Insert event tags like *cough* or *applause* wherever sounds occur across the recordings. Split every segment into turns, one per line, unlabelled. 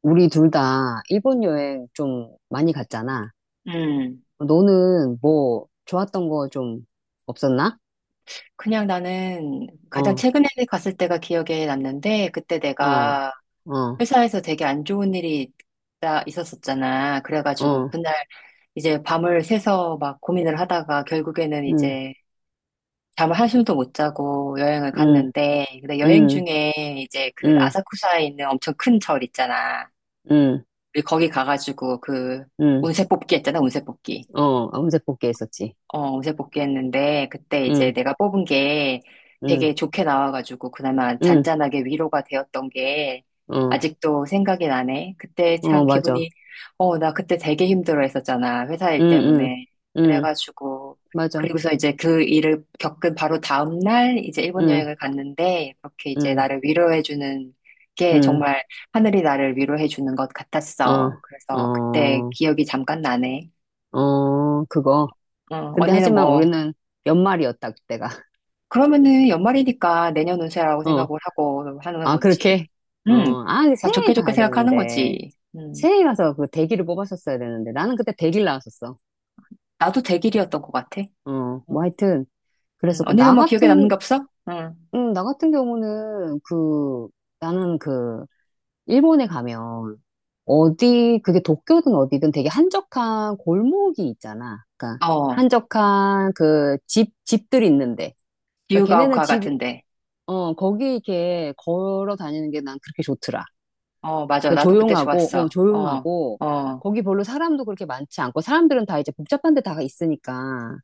우리 둘 다 일본 여행 좀 많이 갔잖아.
음,
너는 뭐 좋았던 거 좀 없었나?
그냥 나는 가장
어,
최근에 갔을 때가 기억에 남는데, 그때
어,
내가
어,
회사에서 되게 안 좋은 일이 있었었잖아. 그래가지고
어,
그날 이제 밤을 새서 막 고민을 하다가 결국에는
응,
이제 잠을 한숨도 못 자고 여행을
응,
갔는데, 근데 여행
응,
중에 이제 그
응,
아사쿠사에 있는 엄청 큰 절 있잖아.
응,
우리 거기 가가지고 그
응,
운세 뽑기 했잖아, 운세 뽑기.
어, 암세 뽑기 했었지.
어제 복귀했는데, 그때 이제
응,
내가 뽑은 게
응,
되게 좋게 나와가지고, 그나마
응,
잔잔하게 위로가 되었던 게,
어,
아직도 생각이 나네. 그때
어,
참
맞아.
기분이, 나 그때 되게 힘들어 했었잖아. 회사
응,
일
응,
때문에.
응,
그래가지고,
맞아.
그리고서 이제 그 일을 겪은 바로 다음날, 이제 일본
응,
여행을 갔는데, 그렇게 이제
응,
나를 위로해주는 게
응,
정말 하늘이 나를 위로해주는 것
어,
같았어. 그래서 그때
어,
기억이 잠깐 나네.
어, 그거. 근데
언니는
하지만
뭐,
우리는 연말이었다, 그때가.
그러면은 연말이니까 내년 운세라고 생각을
*laughs*
하고 하는
아,
거지.
그렇게? 어,
응.
아,
다 좋게
새해
좋게
가야
생각하는
되는데.
거지. 응.
새해 가서 그 대기를 뽑았었어야 되는데. 나는 그때 대기를 나왔었어.
나도 대길이었던 것 같아.
어,
응.
뭐 하여튼.
응.
그래서 그
언니는
나
뭐 기억에 남는 게
같은,
없어? 응.
나 같은 경우는 나는 그, 일본에 가면 어디, 그게 도쿄든 어디든 되게 한적한 골목이 있잖아. 그러니까
어.
한적한 그 집들이 있는데. 그러니까 걔네는
기우가오카
집,
같은데.
어, 거기 이렇게 걸어 다니는 게 난 그렇게 좋더라.
어, 맞아. 나도 그때 좋았어. 어,
조용하고,
어,
거기 별로 사람도 그렇게 많지 않고, 사람들은 다 이제 복잡한 데 다 있으니까.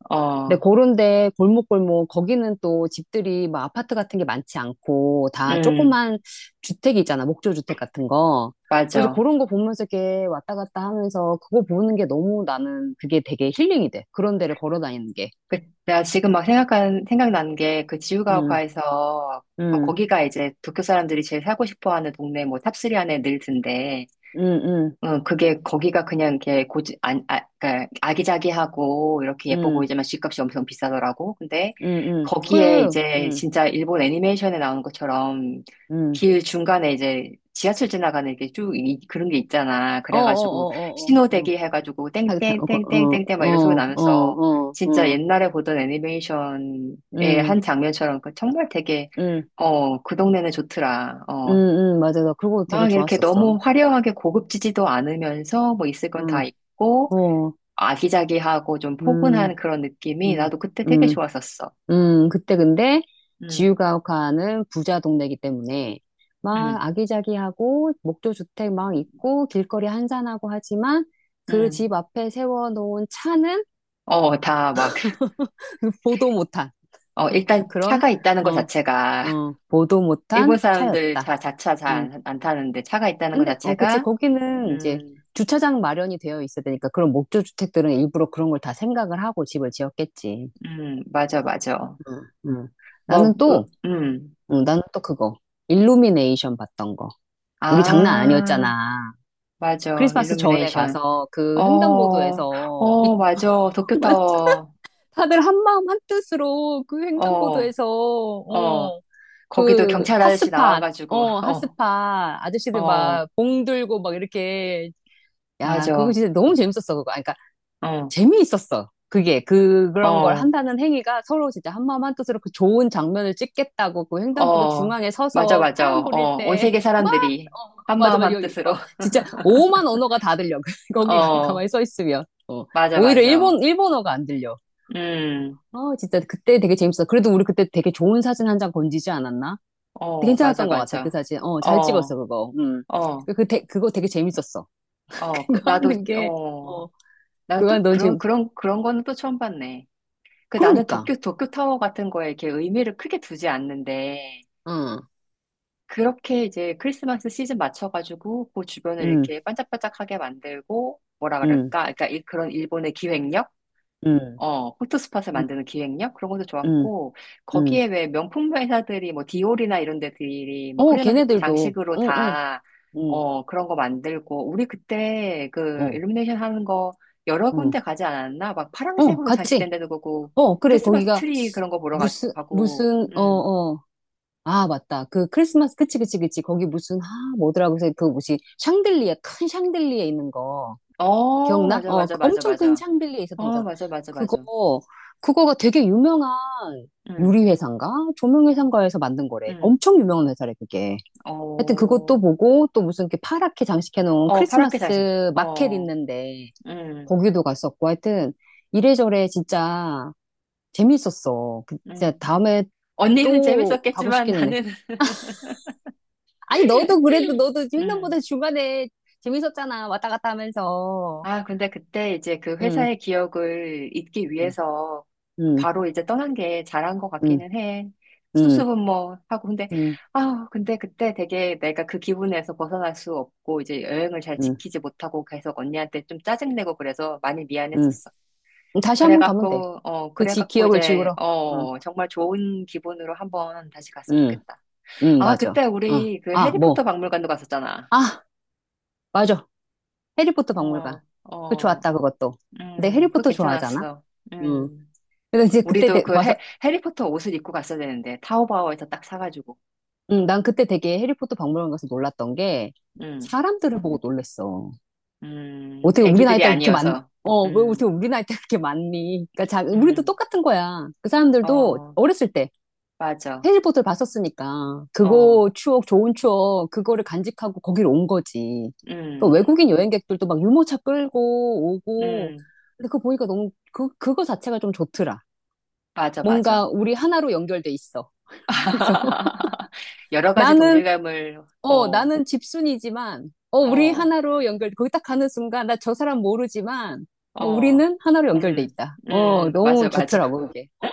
근데
어.
그런데 골목골목, 거기는 또 집들이 막 아파트 같은 게 많지 않고, 다
응.
조그만 주택이 있잖아, 목조주택 같은 거. 그래서
맞아.
그런 거 보면서 이렇게 왔다 갔다 하면서 그거 보는 게 너무 나는 그게 되게 힐링이 돼. 그런 데를 걸어 다니는 게.
그, 내가 지금 막 생각난 게 그
응,
지우가오카에서
응,
거기가 이제 도쿄 사람들이 제일 살고 싶어 하는 동네 뭐 탑3 안에 늘 든대.
응, 응,
응, 그게, 거기가 그냥 이렇게 고지, 안, 아, 그러니까 아기자기하고 이렇게 예뻐
응,
보이지만 집값이 엄청 비싸더라고. 근데
응.
거기에
그래,
이제
응,
진짜 일본 애니메이션에 나오는 것처럼
응.
길 중간에 이제 지하철 지나가는 게 쭉 그런 게 있잖아.
어, 어,
그래가지고
어, 어, 어. 어.
신호대기 해가지고
사계탕, 어, 거- 어,
땡땡땡땡땡땡 막
어,
이런 소리 나면서
어, 어,
진짜
어,
옛날에 보던 애니메이션의 한
음,
장면처럼 그 정말 되게
음,
그 동네는 좋더라.
맞아. 나 그거 되게
막 이렇게
좋았었어.
너무 화려하게 고급지지도 않으면서 뭐 있을 건 다
응,
있고
어,
아기자기하고 좀
음,
포근한 그런 느낌이
음,
나도 그때 되게
음,
좋았었어.
그때 근데
음,
지우가오카는 부자 동네이기 때문에 막
음,
아기자기하고 목조 주택 막 있고 길거리 한산하고 하지만 그
음.
집 앞에 세워놓은 차는
다 막,
*laughs* 보도 못한
일단
그런,
차가 있다는 것
어,
자체가 *laughs*
보도
일본
못한
사람들
차였다.
자, 자차 잘
응.
안 타는데 차가 있다는 것
근데, 어, 그치.
자체가
거기는 이제
음,
주차장 마련이 되어 있어야 되니까 그런 목조 주택들은 일부러 그런 걸 다 생각을 하고 집을 지었겠지.
맞아, 맞아.
응, 응.
뭐,
나는
으,
또,
음.
응, 나는 또 그거. 일루미네이션 봤던 거. 우리 장난
아,
아니었잖아.
맞아.
크리스마스 전에
일루미네이션.
가서 그
어,
횡단보도에서
어,
밑,
맞아.
*laughs*
도쿄타워.
다들 한마음 한뜻으로 그
어,
횡단보도에서,
어, 거기도 경찰 아저씨 나와가지고, *laughs*
핫스팟
어,
아저씨들
어,
막 봉 들고 막 이렇게 야, 그거
맞아.
진짜 너무 재밌었어, 그거.
어,
재미있었어. 그게 그 그런 걸
어,
한다는 행위가 서로 진짜 한마음 한뜻으로 그 좋은 장면을 찍겠다고 그 횡단보도
어,
중앙에
맞아,
서서
맞아.
파란 불일
어, 온
때막
세계
*laughs*
사람들이
어, 어,
한
맞아
마음
맞아.
한
여기
뜻으로,
막 진짜 오만 언어가 다 들려. *laughs*
*laughs* 어,
가만히 서 있으면, 어,
맞아,
오히려
맞아.
일본어가 안 들려.
음,
어, 진짜 그때 되게 재밌었어. 그래도 우리 그때 되게 좋은 사진 한 장 건지지 않았나. 되게
어, 맞아,
괜찮았던 것 같아 그
맞아.
사진. 어, 잘 찍었어
어,
그거.
어,
그거 되게 재밌었어.
어,
*laughs*
그,
그거
나도,
하는 게어 그거
나도
넌
그런,
재밌
그런, 그런 거는 또 처음 봤네. 그 나는
그러니까
도쿄, 도쿄타워 같은 거에 이렇게 의미를 크게 두지 않는데,
응.
그렇게 이제 크리스마스 시즌 맞춰가지고 그 주변을
음.
이렇게 반짝반짝하게 만들고 뭐라 그럴까?
응,
그러니까 그런 일본의 기획력?
응,
어, 포토스팟을
응,
만드는 기획력? 그런 것도
응,
좋았고,
응.
거기에 왜 명품 회사들이 뭐 디올이나 이런 데들이 뭐
어,
크리스마스
걔네들도,
장식으로 다,
응,
그런 거 만들고, 우리 그때 그
어,
일루미네이션 하는 거 여러
응,
군데 가지 않았나? 막
어,
파란색으로
같이.
장식된 데도 보고,
어, 그래,
크리스마스
거기가
트리 그런 거 보러 가고,
어. 아, 맞다. 그 크리스마스, 그치. 거기 무슨, 아, 뭐더라고 해서 그 뭐지, 큰 샹들리에 있는 거.
어,
기억나?
맞아,
어,
맞아,
그
맞아,
엄청 큰
맞아.
샹들리에 있었던
어,
거잖아.
맞아, 맞아, 맞아.
그거, 그거가 되게 유명한
응,
유리회사인가? 조명회사인가에서 만든 거래.
응.
엄청 유명한 회사래, 그게. 하여튼 그것도
어,
보고 또 무슨 이렇게 파랗게 장식해 놓은
어, 파랗게 자생
크리스마스 마켓
어,
있는데
응,
거기도 갔었고. 하여튼 이래저래 진짜 재밌었어. 그 진짜
응.
다음에
언니는
또 가고
재밌었겠지만
싶기는 해.
나는,
아니 너도 그래도 너도
*laughs* 응.
횡단보도 중간에 재밌었잖아. 왔다 갔다 하면서.
아, 근데 그때 이제 그
응,
회사의 기억을 잊기
응,
위해서
응,
바로 이제 떠난 게 잘한 것
응,
같기는 해.
응,
수수분모 하고. 근데,
응,
아, 근데 그때 되게 내가 그 기분에서 벗어날 수 없고 이제 여행을 잘
응.
지키지 못하고 계속 언니한테 좀 짜증내고 그래서 많이
응.
미안했었어.
다시 한 번 가면 돼.
그래갖고,
그 지,
그래갖고
기억을
이제,
지우러. 응,
정말 좋은 기분으로 한번 다시 갔으면
응,
좋겠다.
응,
아,
맞아.
그때
응.
우리 그
아,
해리포터
뭐.
박물관도 갔었잖아.
아, 맞아. 해리포터 박물관.
어,
그
어,
좋았다, 그것도. 근데
그거
해리포터 좋아하잖아?
괜찮았어.
음.
음.
그래서 이제 그때
우리도
되-
그
봐서,
해, 해리포터 옷을 입고 갔어야 되는데, 타오바오에서 딱 사가지고.
난 그때 되게 해리포터 박물관 가서 놀랐던 게,
음,
사람들을 보고 놀랬어. 어떻게 우리 나이
애기들이
때 그렇게 많,
아니어서. 음,
어떻게 우리 나이 때 그렇게 많니? 그러니까 자, 우리도
음,
똑같은 거야. 그 사람들도
어,
어렸을 때
맞아.
해리포터를 봤었으니까,
어,
그거 추억, 좋은 추억, 그거를 간직하고 거기로 온 거지. 그
음,
외국인 여행객들도 막 유모차 끌고 오고,
음,
근데 그거 보니까 너무, 그, 그거 자체가 좀 좋더라.
맞아,
뭔가
맞아.
우리 하나로 연결돼 있어. 그래서 *laughs*
*laughs* 여러 가지
나는,
동질감을,
어,
어,
나는 집순이지만, 어, 우리
어,
하나로 연결, 거기 딱 가는 순간 나 저 사람 모르지만 어,
어,
우리는 하나로 연결돼
음,
있다. 어,
맞아,
너무
맞아.
좋더라고 그게. 어,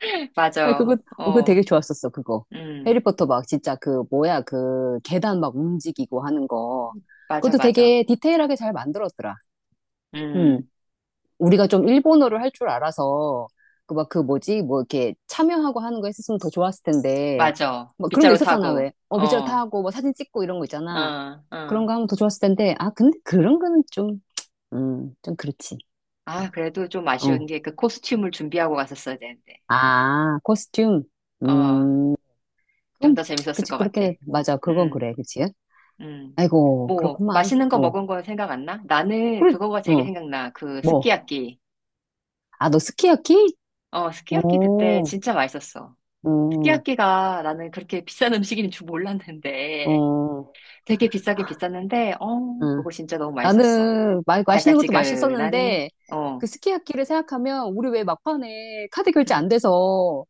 *laughs*
*laughs* 그거.
맞아,
어, 그거
어,
되게 좋았었어 그거.
음,
해리포터 막 진짜 그 뭐야 그 계단 막 움직이고 하는 거.
맞아,
그것도
맞아.
되게 디테일하게 잘 만들었더라. 응.
음,
우리가 좀 일본어를 할 줄 알아서 그 막 그 뭐지 뭐 이렇게 참여하고 하는 거 했었으면 더 좋았을 텐데.
맞아.
막 그런 거
빗자루
있었잖아
타고,
왜. 어,
어,
비주얼
어,
타고 뭐 사진 찍고 이런 거 있잖아.
어.
그런 거 하면 더 좋았을 텐데. 아 근데 그런 거는 좀, 음, 좀 그렇지.
아, 그래도 좀 아쉬운
어,
게 그 코스튬을 준비하고 갔었어야 되는데. 아,
아 코스튬.
어,
음, 그건
좀 더
뭐-.
재밌었을
그치
것
그렇긴
같아.
해. 맞아 그건
음,
그래 그치.
음.
아이고
뭐,
그렇구만.
맛있는 거
어,
먹은 거 생각 안 나? 나는
그래.
그거가 되게
어뭐
생각나. 그 스키야키.
아 너 스키야키.
어, 스키야키 그때
어어어
진짜 맛있었어. 스키야키가 나는 그렇게 비싼 음식인 줄 몰랐는데 되게 비싸게 비쌌는데 어 그거 진짜 너무 맛있었어.
나는 맛있는 것도
달짝지근하니
맛있었는데
어
그 스키야키를 생각하면 우리 왜 막판에 카드 결제
응.
안 돼서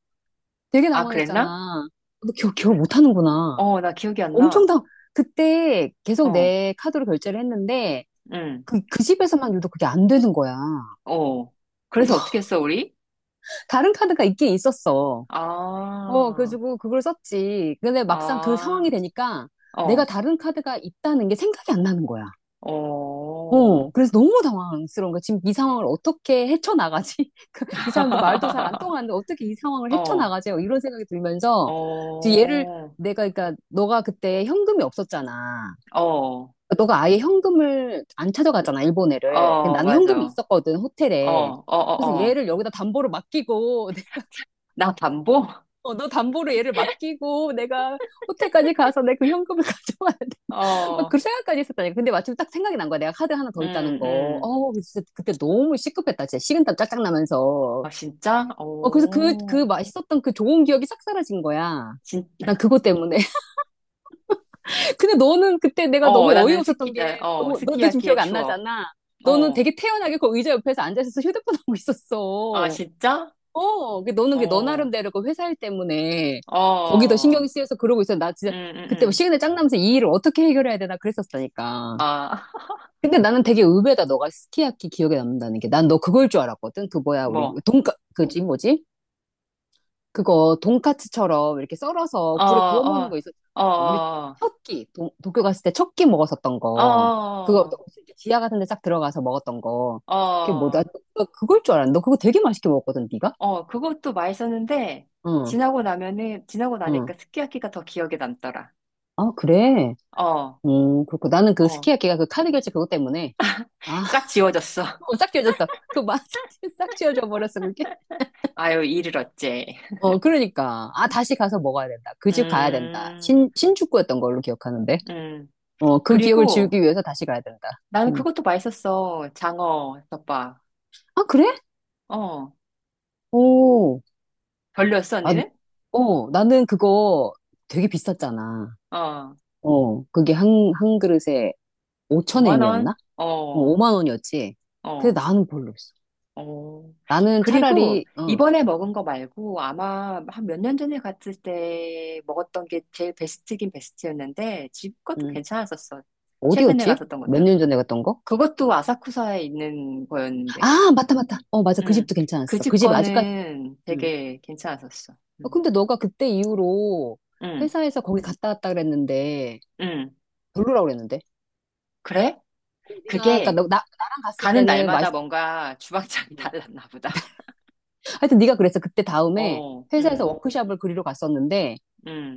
되게
아 그랬나?
당황했잖아. 너 기억
그래.
못 하는구나.
어 나 기억이 안
엄청
나.
당, 그때 계속
어
내 카드로 결제를 했는데
응.
그 집에서만 유독 그게 안 되는 거야.
어 그래서 어떻게
*laughs*
했어 우리?
다른 카드가 있긴 있었어. 어,
아
그래가지고 그걸 썼지. 근데 막상 그 상황이
아,
되니까 내가
어,
다른 카드가 있다는 게 생각이 안 나는 거야.
어.
어, 그래서 너무 당황스러운 거야. 지금 이 상황을 어떻게 헤쳐나가지? *laughs* 그이 사람들 말도 잘 안
*laughs*
통하는데 어떻게 이 상황을
어,
헤쳐나가지? 이런 생각이 들면서 이제 얘를
어,
내가, 그러니까 너가 그때 현금이 없었잖아.
어,
너가 아예 현금을 안 찾아갔잖아, 일본 애를. 근데
어,
나는
맞아.
현금이
어,
있었거든, 호텔에.
어, 어,
그래서
어.
얘를 여기다 담보로 맡기고, *laughs*
나 반보? *laughs*
어, 너 담보로 얘를 맡기고, 내가 호텔까지 가서 내 그 현금을 *laughs* 가져왔, 막
어,
그 생각까지 했었다니까. 근데 마침 딱 생각이 난 거야. 내가 카드 하나
음,
더 있다는 거.
음.
어, 진짜 그때 너무 시급했다. 진짜 식은땀 짝짝 나면서.
아, 진짜?
어, 그래서 그, 그
오,
맛있었던 그 좋은 기억이 싹 사라진 거야.
진, *laughs*
난 그것 때문에. *laughs* 근데 너는 그때 내가
어,
너무
나는 스키,
어이없었던 게,
나- 어,
너 지금
스키야키의
기억 안
추억.
나잖아. 너는
어,
되게 태연하게 그 의자 옆에서 앉아있어서 휴대폰 *laughs* 하고
아,
있었어.
진짜?
어, 그 너는 그 너
어,
나름대로 그 회사일 때문에 거기 더
어,
신경이 쓰여서 그러고 있어. 나
음,
진짜
음,
그때 뭐
음.
시간에 짱 나면서 이 일을 어떻게 해결해야 되나 그랬었다니까.
아,
근데 나는 되게 의외다. 너가 스키야키 기억에 남는다는 게. 난 너 그걸 줄 알았거든. 그 뭐야,
*laughs*
우리
뭐,
돈까 그지 뭐지? 그거 돈까츠처럼 이렇게 썰어서
어,
불에 구워 먹는 거
어,
있었잖아. 우리
어,
첫 끼, 도쿄 갔을 때 첫 끼 먹었었던
어,
거. 그거 또
어,
이렇게 지하 같은 데 싹 들어가서 먹었던 거. 그게 뭐다?
어,
너 그걸 줄 알았는데. 너 그거 되게 맛있게 먹었거든, 네가?
그것도 맛있었는데,
응,
지나고
응.
나니까 스키야키가 더 기억에 남더라.
아, 그래.
어,
그렇고 나는 그
어,
스키야키가 그 카드 결제 그것 때문에, 아,
딱
*laughs*
지워졌어. *laughs*
어, 싹 지워졌어. 그 맛 *laughs* 싹 지워져 버렸어. 그게.
아유, 이를 어째.
어, 그러니까. 아, 다시 가서 먹어야 된다. 그 집 가야 된다.
음,
신축구였던 걸로 기억하는데.
음.
어, 그 기억을
그리고,
지우기 위해서 다시 가야 된다.
나는
음.
그것도 맛있었어. 장어 덮밥.
아, 그래?
어.
오.
별로였어,
아,
언니는?
어, 나는 그거 되게 비쌌잖아.
어.
어, 그게 한, 한 그릇에
5만
5천엔이었나?
원?
어,
어.
5만 원이었지. 근데
어.
나는 별로였어.
어.
나는 차라리,
그리고
어,
이번에 먹은 거 말고 아마 한 몇 년 전에 갔을 때 먹었던 게 제일 베스트긴 베스트였는데 집 것도
음,
괜찮았었어. 최근에
어디였지?
갔었던
몇
것도.
년 전에 갔던 거?
그것도 아사쿠사에 있는 거였는데.
아, 맞다. 어, 맞아. 그
음.
집도
그
괜찮았어. 그
집
집 아직까지,
거는
음.
되게 괜찮았었어.
어,
음.
근데 너가 그때 이후로
음.
회사에서 거기 갔다 왔다 그랬는데
음.
별로라고 그랬는데.
그래?
어, 네가 그러니까
그게
너, 나랑 갔을
가는
때는
날마다
맛있었고.
뭔가 주방장이 *laughs* 달랐나 보다.
하여튼 네가 그랬어. 그때 다음에
어,
회사에서 워크숍을 그리러 갔었는데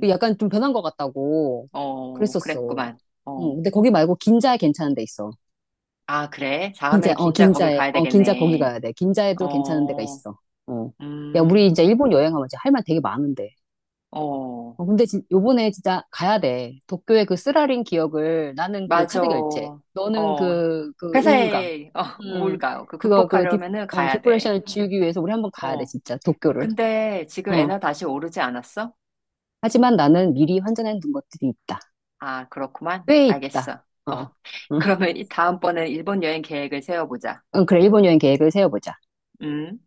그 약간 좀 변한 것 같다고
어,
그랬었어.
그랬구만.
응,
어,
근데 거기 말고 긴자에 괜찮은 데 있어.
아, 그래?
긴자,
다음엔
어,
진짜 거길
긴자에,
가야
어, 긴자 거기
되겠네.
가야 돼. 긴자에도 괜찮은 데가
어,
있어. 어. 야, 우리 이제
음,
일본 여행하면 이제 할 말 되게 많은데.
어,
어, 근데 진, 요번에 진짜 가야 돼. 도쿄의 그 쓰라린 기억을 나는 그
맞아.
카드 결제,
어,
너는 그, 그 우울감.
회사에 어, *laughs*
음,
우울감 그
그거 그 디,
극복하려면은
어,
가야 돼.
디프레션을 지우기 위해서 우리 한번 가야 돼,
어,
진짜 도쿄를.
근데 지금
어.
에너 다시 오르지 않았어?
하지만 나는 미리 환전해 둔 것들이 있다.
아, 그렇구만.
꽤 있다.
알겠어. 어,
어.
*laughs*
응,
그러면 이 다음번엔 일본 여행 계획을 세워보자.
응, 그래, 일본 여행 계획을 세워보자.
음.